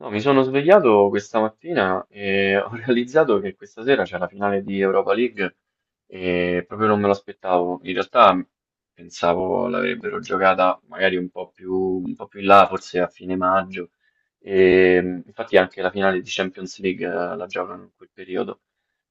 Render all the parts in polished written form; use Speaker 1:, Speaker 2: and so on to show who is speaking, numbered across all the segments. Speaker 1: No, mi sono svegliato questa mattina e ho realizzato che questa sera c'è la finale di Europa League e proprio non me lo aspettavo. In realtà pensavo l'avrebbero giocata magari un po' più in là, forse a fine maggio. E, infatti anche la finale di Champions League la giocano in quel periodo.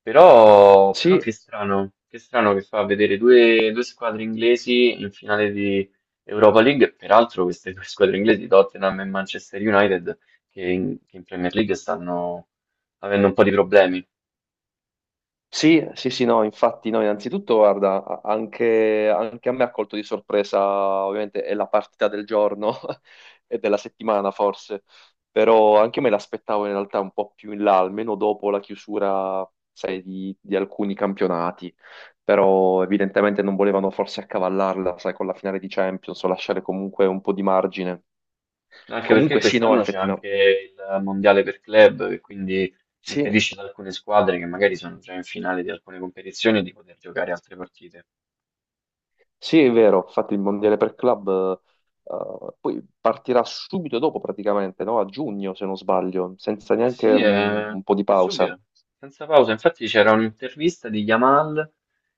Speaker 1: Però, che
Speaker 2: Sì,
Speaker 1: strano, che fa vedere due squadre inglesi in finale di Europa League. Peraltro queste due squadre inglesi, Tottenham e Manchester United, che in Premier League stanno avendo un po' di problemi,
Speaker 2: sì, sì, sì, no, infatti no, innanzitutto guarda, anche, anche a me ha colto di sorpresa, ovviamente è la partita del giorno e della settimana forse, però anche me l'aspettavo in realtà un po' più in là, almeno dopo la chiusura, sai, di alcuni campionati, però evidentemente non volevano forse accavallarla, sai, con la finale di Champions o lasciare comunque un po' di margine.
Speaker 1: anche perché
Speaker 2: Comunque sì, no,
Speaker 1: quest'anno c'è anche
Speaker 2: effettivamente.
Speaker 1: il mondiale per club, che quindi impedisce ad alcune squadre che magari sono già in finale di alcune competizioni di poter giocare altre partite.
Speaker 2: Sì, è vero, infatti il Mondiale per Club poi partirà subito dopo praticamente, no? A giugno, se non sbaglio, senza
Speaker 1: Eh
Speaker 2: neanche
Speaker 1: sì,
Speaker 2: un po' di
Speaker 1: è
Speaker 2: pausa,
Speaker 1: subito, senza pausa. Infatti c'era un'intervista di Yamal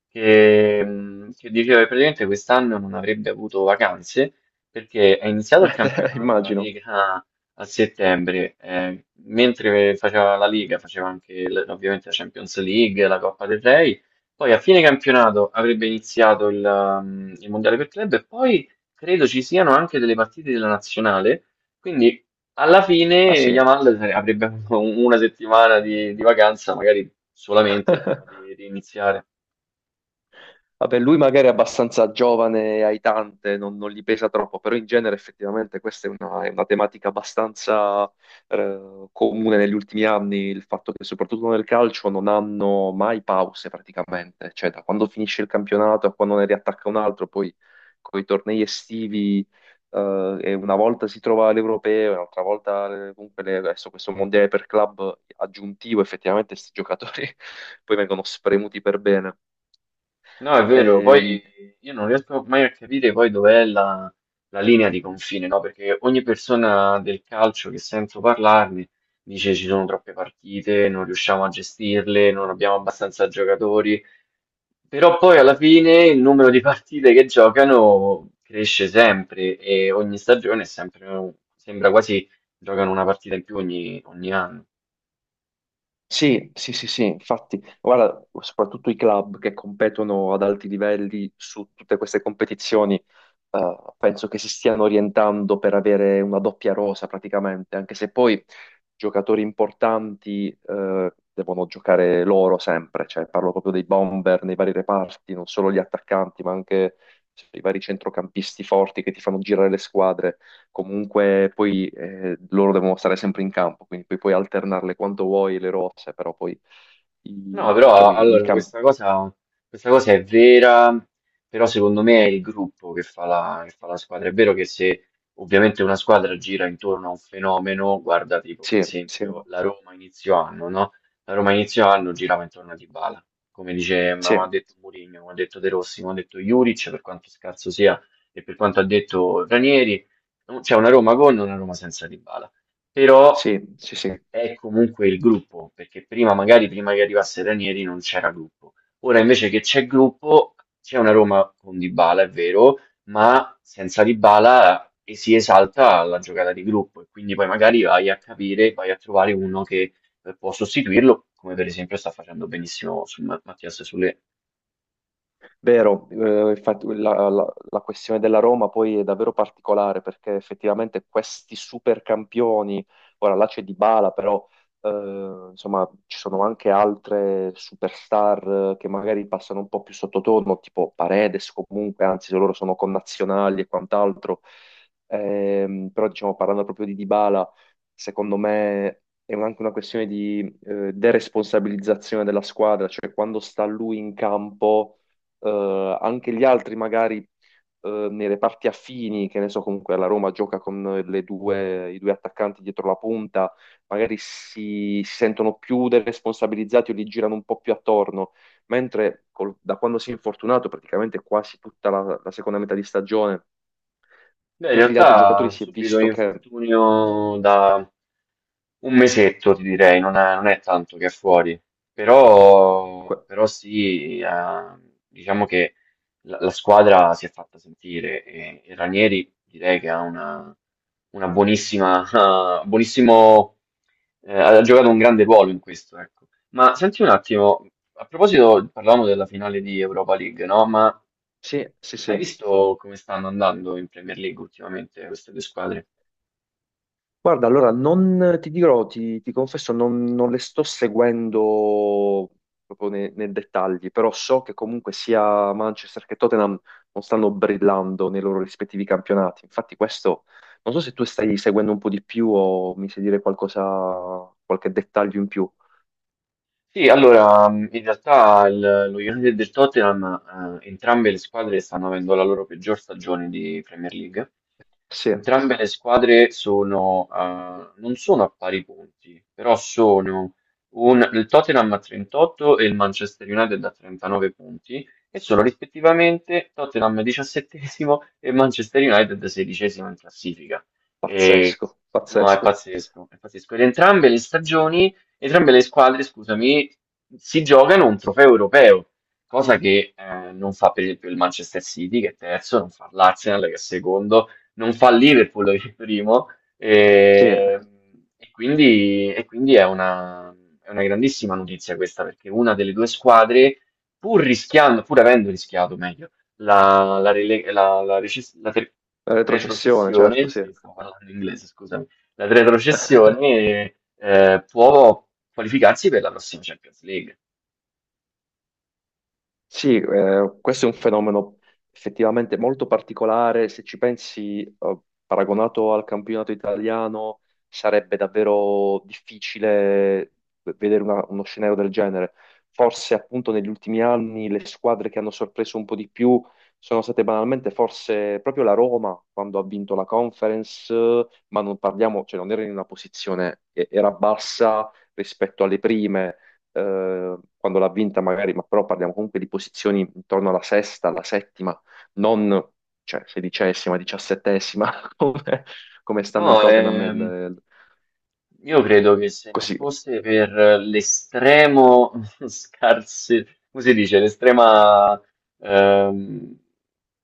Speaker 1: che diceva che praticamente quest'anno non avrebbe avuto vacanze perché è iniziato il campionato, la
Speaker 2: immagino.
Speaker 1: Lega a settembre, mentre faceva la Lega, faceva anche ovviamente la Champions League, la Coppa del Re, poi a fine campionato avrebbe iniziato il Mondiale per club e poi credo ci siano anche delle partite della nazionale. Quindi alla
Speaker 2: Ah
Speaker 1: fine
Speaker 2: sì.
Speaker 1: Yamal avrebbe una settimana di vacanza, magari solamente prima di riniziare.
Speaker 2: Vabbè, lui magari è abbastanza giovane e aitante, non gli pesa troppo, però in genere effettivamente questa è è una tematica abbastanza comune negli ultimi anni, il fatto che soprattutto nel calcio non hanno mai pause praticamente, cioè da quando finisce il campionato a quando ne riattacca un altro, poi con i tornei estivi e una volta si trova l'Europeo, e un'altra volta comunque adesso questo mondiale per club aggiuntivo, effettivamente questi giocatori poi vengono spremuti per bene.
Speaker 1: No, è vero,
Speaker 2: Ehm,
Speaker 1: poi io non riesco mai a capire poi la linea di confine, no? Perché ogni persona del calcio che sento parlarne dice ci sono troppe partite, non riusciamo a gestirle, non abbiamo abbastanza giocatori. Però poi alla fine il numero di partite che giocano cresce sempre e ogni stagione è sempre, sembra quasi giocano una partita in più ogni anno.
Speaker 2: Sì, sì, sì, sì, infatti, guarda, soprattutto i club che competono ad alti livelli su tutte queste competizioni penso che si stiano orientando per avere una doppia rosa praticamente, anche se poi giocatori importanti devono giocare loro sempre, cioè parlo proprio dei bomber nei vari reparti, non solo gli attaccanti, ma anche sì, i vari centrocampisti forti che ti fanno girare le squadre. Comunque poi loro devono stare sempre in campo, quindi poi puoi alternarle quando vuoi le rose, però poi
Speaker 1: No,
Speaker 2: diciamo
Speaker 1: però
Speaker 2: i,
Speaker 1: allora
Speaker 2: campi...
Speaker 1: questa cosa è vera, però secondo me è il gruppo che fa la squadra. È vero che se ovviamente una squadra gira intorno a un fenomeno, guarda tipo per
Speaker 2: Sì, sì,
Speaker 1: esempio la Roma inizio anno, no? La Roma inizio anno girava intorno a Dybala, come dice,
Speaker 2: sì,
Speaker 1: ma ha detto Mourinho, come ha detto De Rossi, come ha detto Juric, per quanto scarso sia e per quanto ha detto Ranieri, c'è una Roma con e una Roma senza Dybala. Però
Speaker 2: sì, sì, sì.
Speaker 1: è comunque il gruppo, perché prima che arrivasse Ranieri non c'era gruppo. Ora invece che c'è gruppo, c'è una Roma con Dybala, è vero, ma senza Dybala e si esalta la giocata di gruppo e quindi poi magari vai a capire, vai a trovare uno che può sostituirlo, come per esempio sta facendo benissimo su Mattias Sule.
Speaker 2: Vero, infatti la questione della Roma poi è davvero particolare perché effettivamente questi super campioni, ora là c'è Dybala, però insomma ci sono anche altre superstar che magari passano un po' più sottotono, tipo Paredes comunque, anzi se loro sono connazionali e quant'altro. Però diciamo parlando proprio di Dybala, secondo me è anche una questione di deresponsabilizzazione della squadra, cioè quando sta lui in campo anche gli altri magari nei reparti affini, che ne so, comunque la Roma gioca con le due, i due attaccanti dietro la punta, magari si sentono più deresponsabilizzati o li girano un po' più attorno, mentre da quando si è infortunato praticamente quasi tutta la seconda metà di stagione,
Speaker 1: Beh, in
Speaker 2: tutti gli altri
Speaker 1: realtà
Speaker 2: giocatori
Speaker 1: ha
Speaker 2: si è
Speaker 1: subito un
Speaker 2: visto che...
Speaker 1: infortunio da un mesetto, ti direi, non è tanto che è fuori, però,
Speaker 2: que-
Speaker 1: sì, diciamo la squadra si è fatta sentire e Ranieri direi che ha una buonissima, ah, buonissimo, ha giocato un grande ruolo in questo, ecco. Ma senti un attimo, a proposito, parlavamo della finale di Europa League, no? Ma
Speaker 2: sì, sì,
Speaker 1: hai
Speaker 2: sì.
Speaker 1: visto come stanno andando in Premier League ultimamente queste due squadre?
Speaker 2: Guarda, allora non ti dirò, ti confesso, non le sto seguendo proprio nei dettagli, però so che comunque sia Manchester che Tottenham non stanno brillando nei loro rispettivi campionati. Infatti questo, non so se tu stai seguendo un po' di più o mi sai dire qualcosa, qualche dettaglio in più.
Speaker 1: Sì, allora, in realtà lo United e il Tottenham, entrambe le squadre stanno avendo la loro peggior stagione di Premier League.
Speaker 2: Sì,
Speaker 1: Entrambe le squadre non sono a pari punti, però sono il Tottenham a 38 e il Manchester United a 39 punti e sono rispettivamente Tottenham 17esimo e Manchester United 16esimo in classifica. E,
Speaker 2: pazzesco,
Speaker 1: no, è
Speaker 2: pazzesco.
Speaker 1: pazzesco, è pazzesco. Ed entrambe le stagioni entrambe le squadre, scusami, si giocano un trofeo europeo, cosa che non fa per esempio il Manchester City che è terzo, non fa l'Arsenal che è secondo, non fa il Liverpool che è primo,
Speaker 2: Sì,
Speaker 1: e,
Speaker 2: la
Speaker 1: e quindi, è è una grandissima notizia questa perché una delle due squadre, pur avendo rischiato meglio, la, la, rele- la- la reces- la ter-
Speaker 2: retrocessione, certo,
Speaker 1: retrocessione,
Speaker 2: sì.
Speaker 1: sì, stavo parlando in inglese, scusami la retrocessione può qualificarsi per la prossima Champions League.
Speaker 2: Sì, questo è un fenomeno effettivamente molto particolare. Se ci pensi, paragonato al campionato italiano, sarebbe davvero difficile vedere uno scenario del genere. Forse appunto negli ultimi anni le squadre che hanno sorpreso un po' di più sono state banalmente forse proprio la Roma quando ha vinto la Conference, ma non parliamo, cioè non era in una posizione, era bassa rispetto alle prime quando l'ha vinta magari, ma però parliamo comunque di posizioni intorno alla sesta, alla settima, non cioè, sedicesima, diciassettesima, come, come stanno il
Speaker 1: No,
Speaker 2: Tottenham e
Speaker 1: io credo che se non
Speaker 2: così.
Speaker 1: fosse per l'estremo scarse, come si dice, l'estrema, ehm,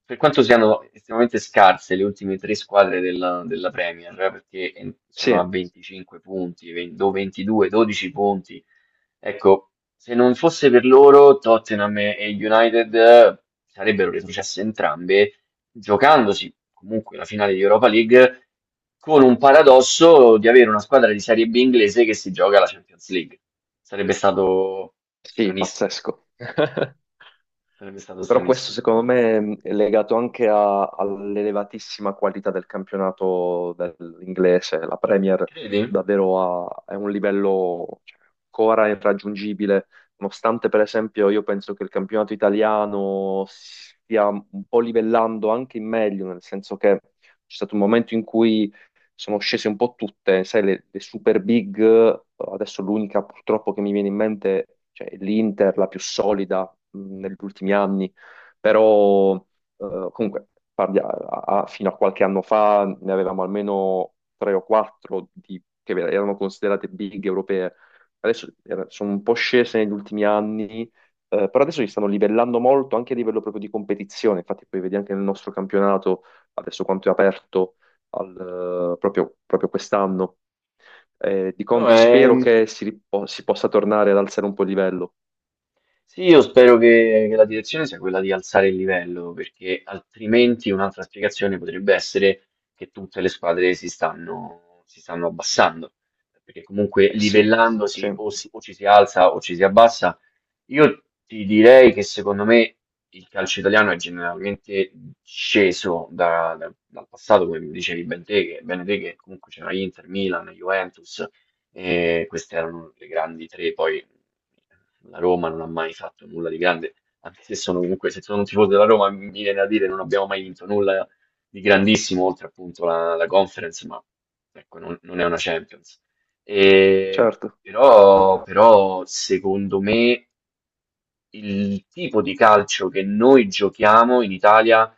Speaker 1: per quanto siano estremamente scarse le ultime tre squadre della Premier, perché sono
Speaker 2: Sì,
Speaker 1: a 25 punti, 20 o 22, 12 punti, ecco, se non fosse per loro, Tottenham e United sarebbero retrocesse entrambe giocandosi comunque la finale di Europa League, con un paradosso di avere una squadra di Serie B inglese che si gioca la Champions League. Sarebbe stato
Speaker 2: sì,
Speaker 1: stranissimo.
Speaker 2: pazzesco.
Speaker 1: Sarebbe stato
Speaker 2: Però questo
Speaker 1: stranissimo.
Speaker 2: secondo me è legato anche all'elevatissima qualità del campionato dell'inglese. La Premier
Speaker 1: Credi?
Speaker 2: davvero ha, è un livello cioè, ancora irraggiungibile, nonostante per esempio io penso che il campionato italiano stia un po' livellando anche in meglio, nel senso che c'è stato un momento in cui sono scese un po' tutte, sai, le super big, adesso l'unica purtroppo che mi viene in mente, cioè l'Inter, la più solida negli ultimi anni però comunque fino a qualche anno fa ne avevamo almeno tre o quattro che erano considerate big europee. Adesso sono un po' scese negli ultimi anni, però adesso si stanno livellando molto anche a livello proprio di competizione. Infatti poi vedi anche nel nostro campionato, adesso quanto è aperto al, proprio, proprio quest'anno. Di
Speaker 1: No,
Speaker 2: contro
Speaker 1: è,
Speaker 2: spero che si possa tornare ad alzare un po' il livello.
Speaker 1: Sì, io spero che la direzione sia quella di alzare il livello, perché altrimenti un'altra spiegazione potrebbe essere che tutte le squadre si stanno abbassando, perché comunque
Speaker 2: Eh sì, sì,
Speaker 1: livellandosi o o ci si alza o ci si abbassa. Io ti direi che secondo me il calcio italiano è generalmente sceso dal passato, come dicevi ben te, che, bene te, che comunque c'era Inter, Milan, Juventus, e queste erano le grandi tre, poi la Roma non ha mai fatto nulla di grande, anche se sono un tifoso della Roma mi viene da dire non abbiamo mai vinto nulla di grandissimo, oltre appunto la Conference, ma ecco, non è una Champions. E,
Speaker 2: certo.
Speaker 1: però, secondo me il tipo di calcio che noi giochiamo in Italia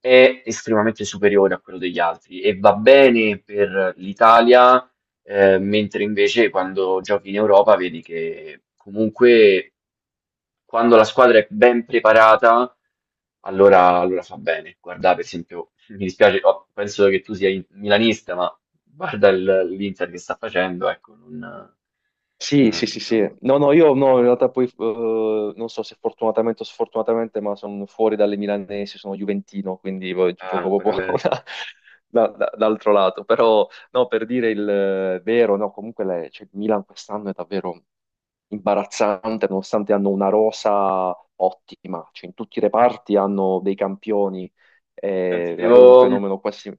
Speaker 1: è estremamente superiore a quello degli altri e va bene per l'Italia mentre invece quando giochi in Europa vedi che comunque quando la squadra è ben preparata, allora, fa bene. Guarda, per esempio, mi dispiace, oh, penso che tu sia milanista, ma guarda l'Inter che sta facendo, ecco, non,
Speaker 2: Sì, sì, sì,
Speaker 1: insomma,
Speaker 2: sì. No, no, io no, in realtà poi non so se fortunatamente o sfortunatamente, ma sono fuori dalle milanesi, sono juventino, quindi poi
Speaker 1: è
Speaker 2: gioco
Speaker 1: ancora
Speaker 2: proprio
Speaker 1: peggio.
Speaker 2: dall'altro lato. Però, no, per dire il vero, no, comunque cioè, il Milan quest'anno è davvero imbarazzante, nonostante hanno una rosa ottima, cioè in tutti i reparti hanno dei campioni,
Speaker 1: Senti,
Speaker 2: è davvero un fenomeno quasi...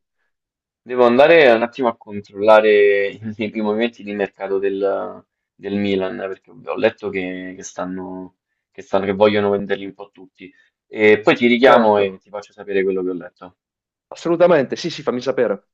Speaker 1: devo andare un attimo a controllare i primi movimenti di mercato del Milan, perché ho letto che stanno, che vogliono venderli un po' tutti. E poi ti richiamo
Speaker 2: Certo,
Speaker 1: e ti faccio sapere quello che ho letto.
Speaker 2: assolutamente, sì, sì, fammi sapere.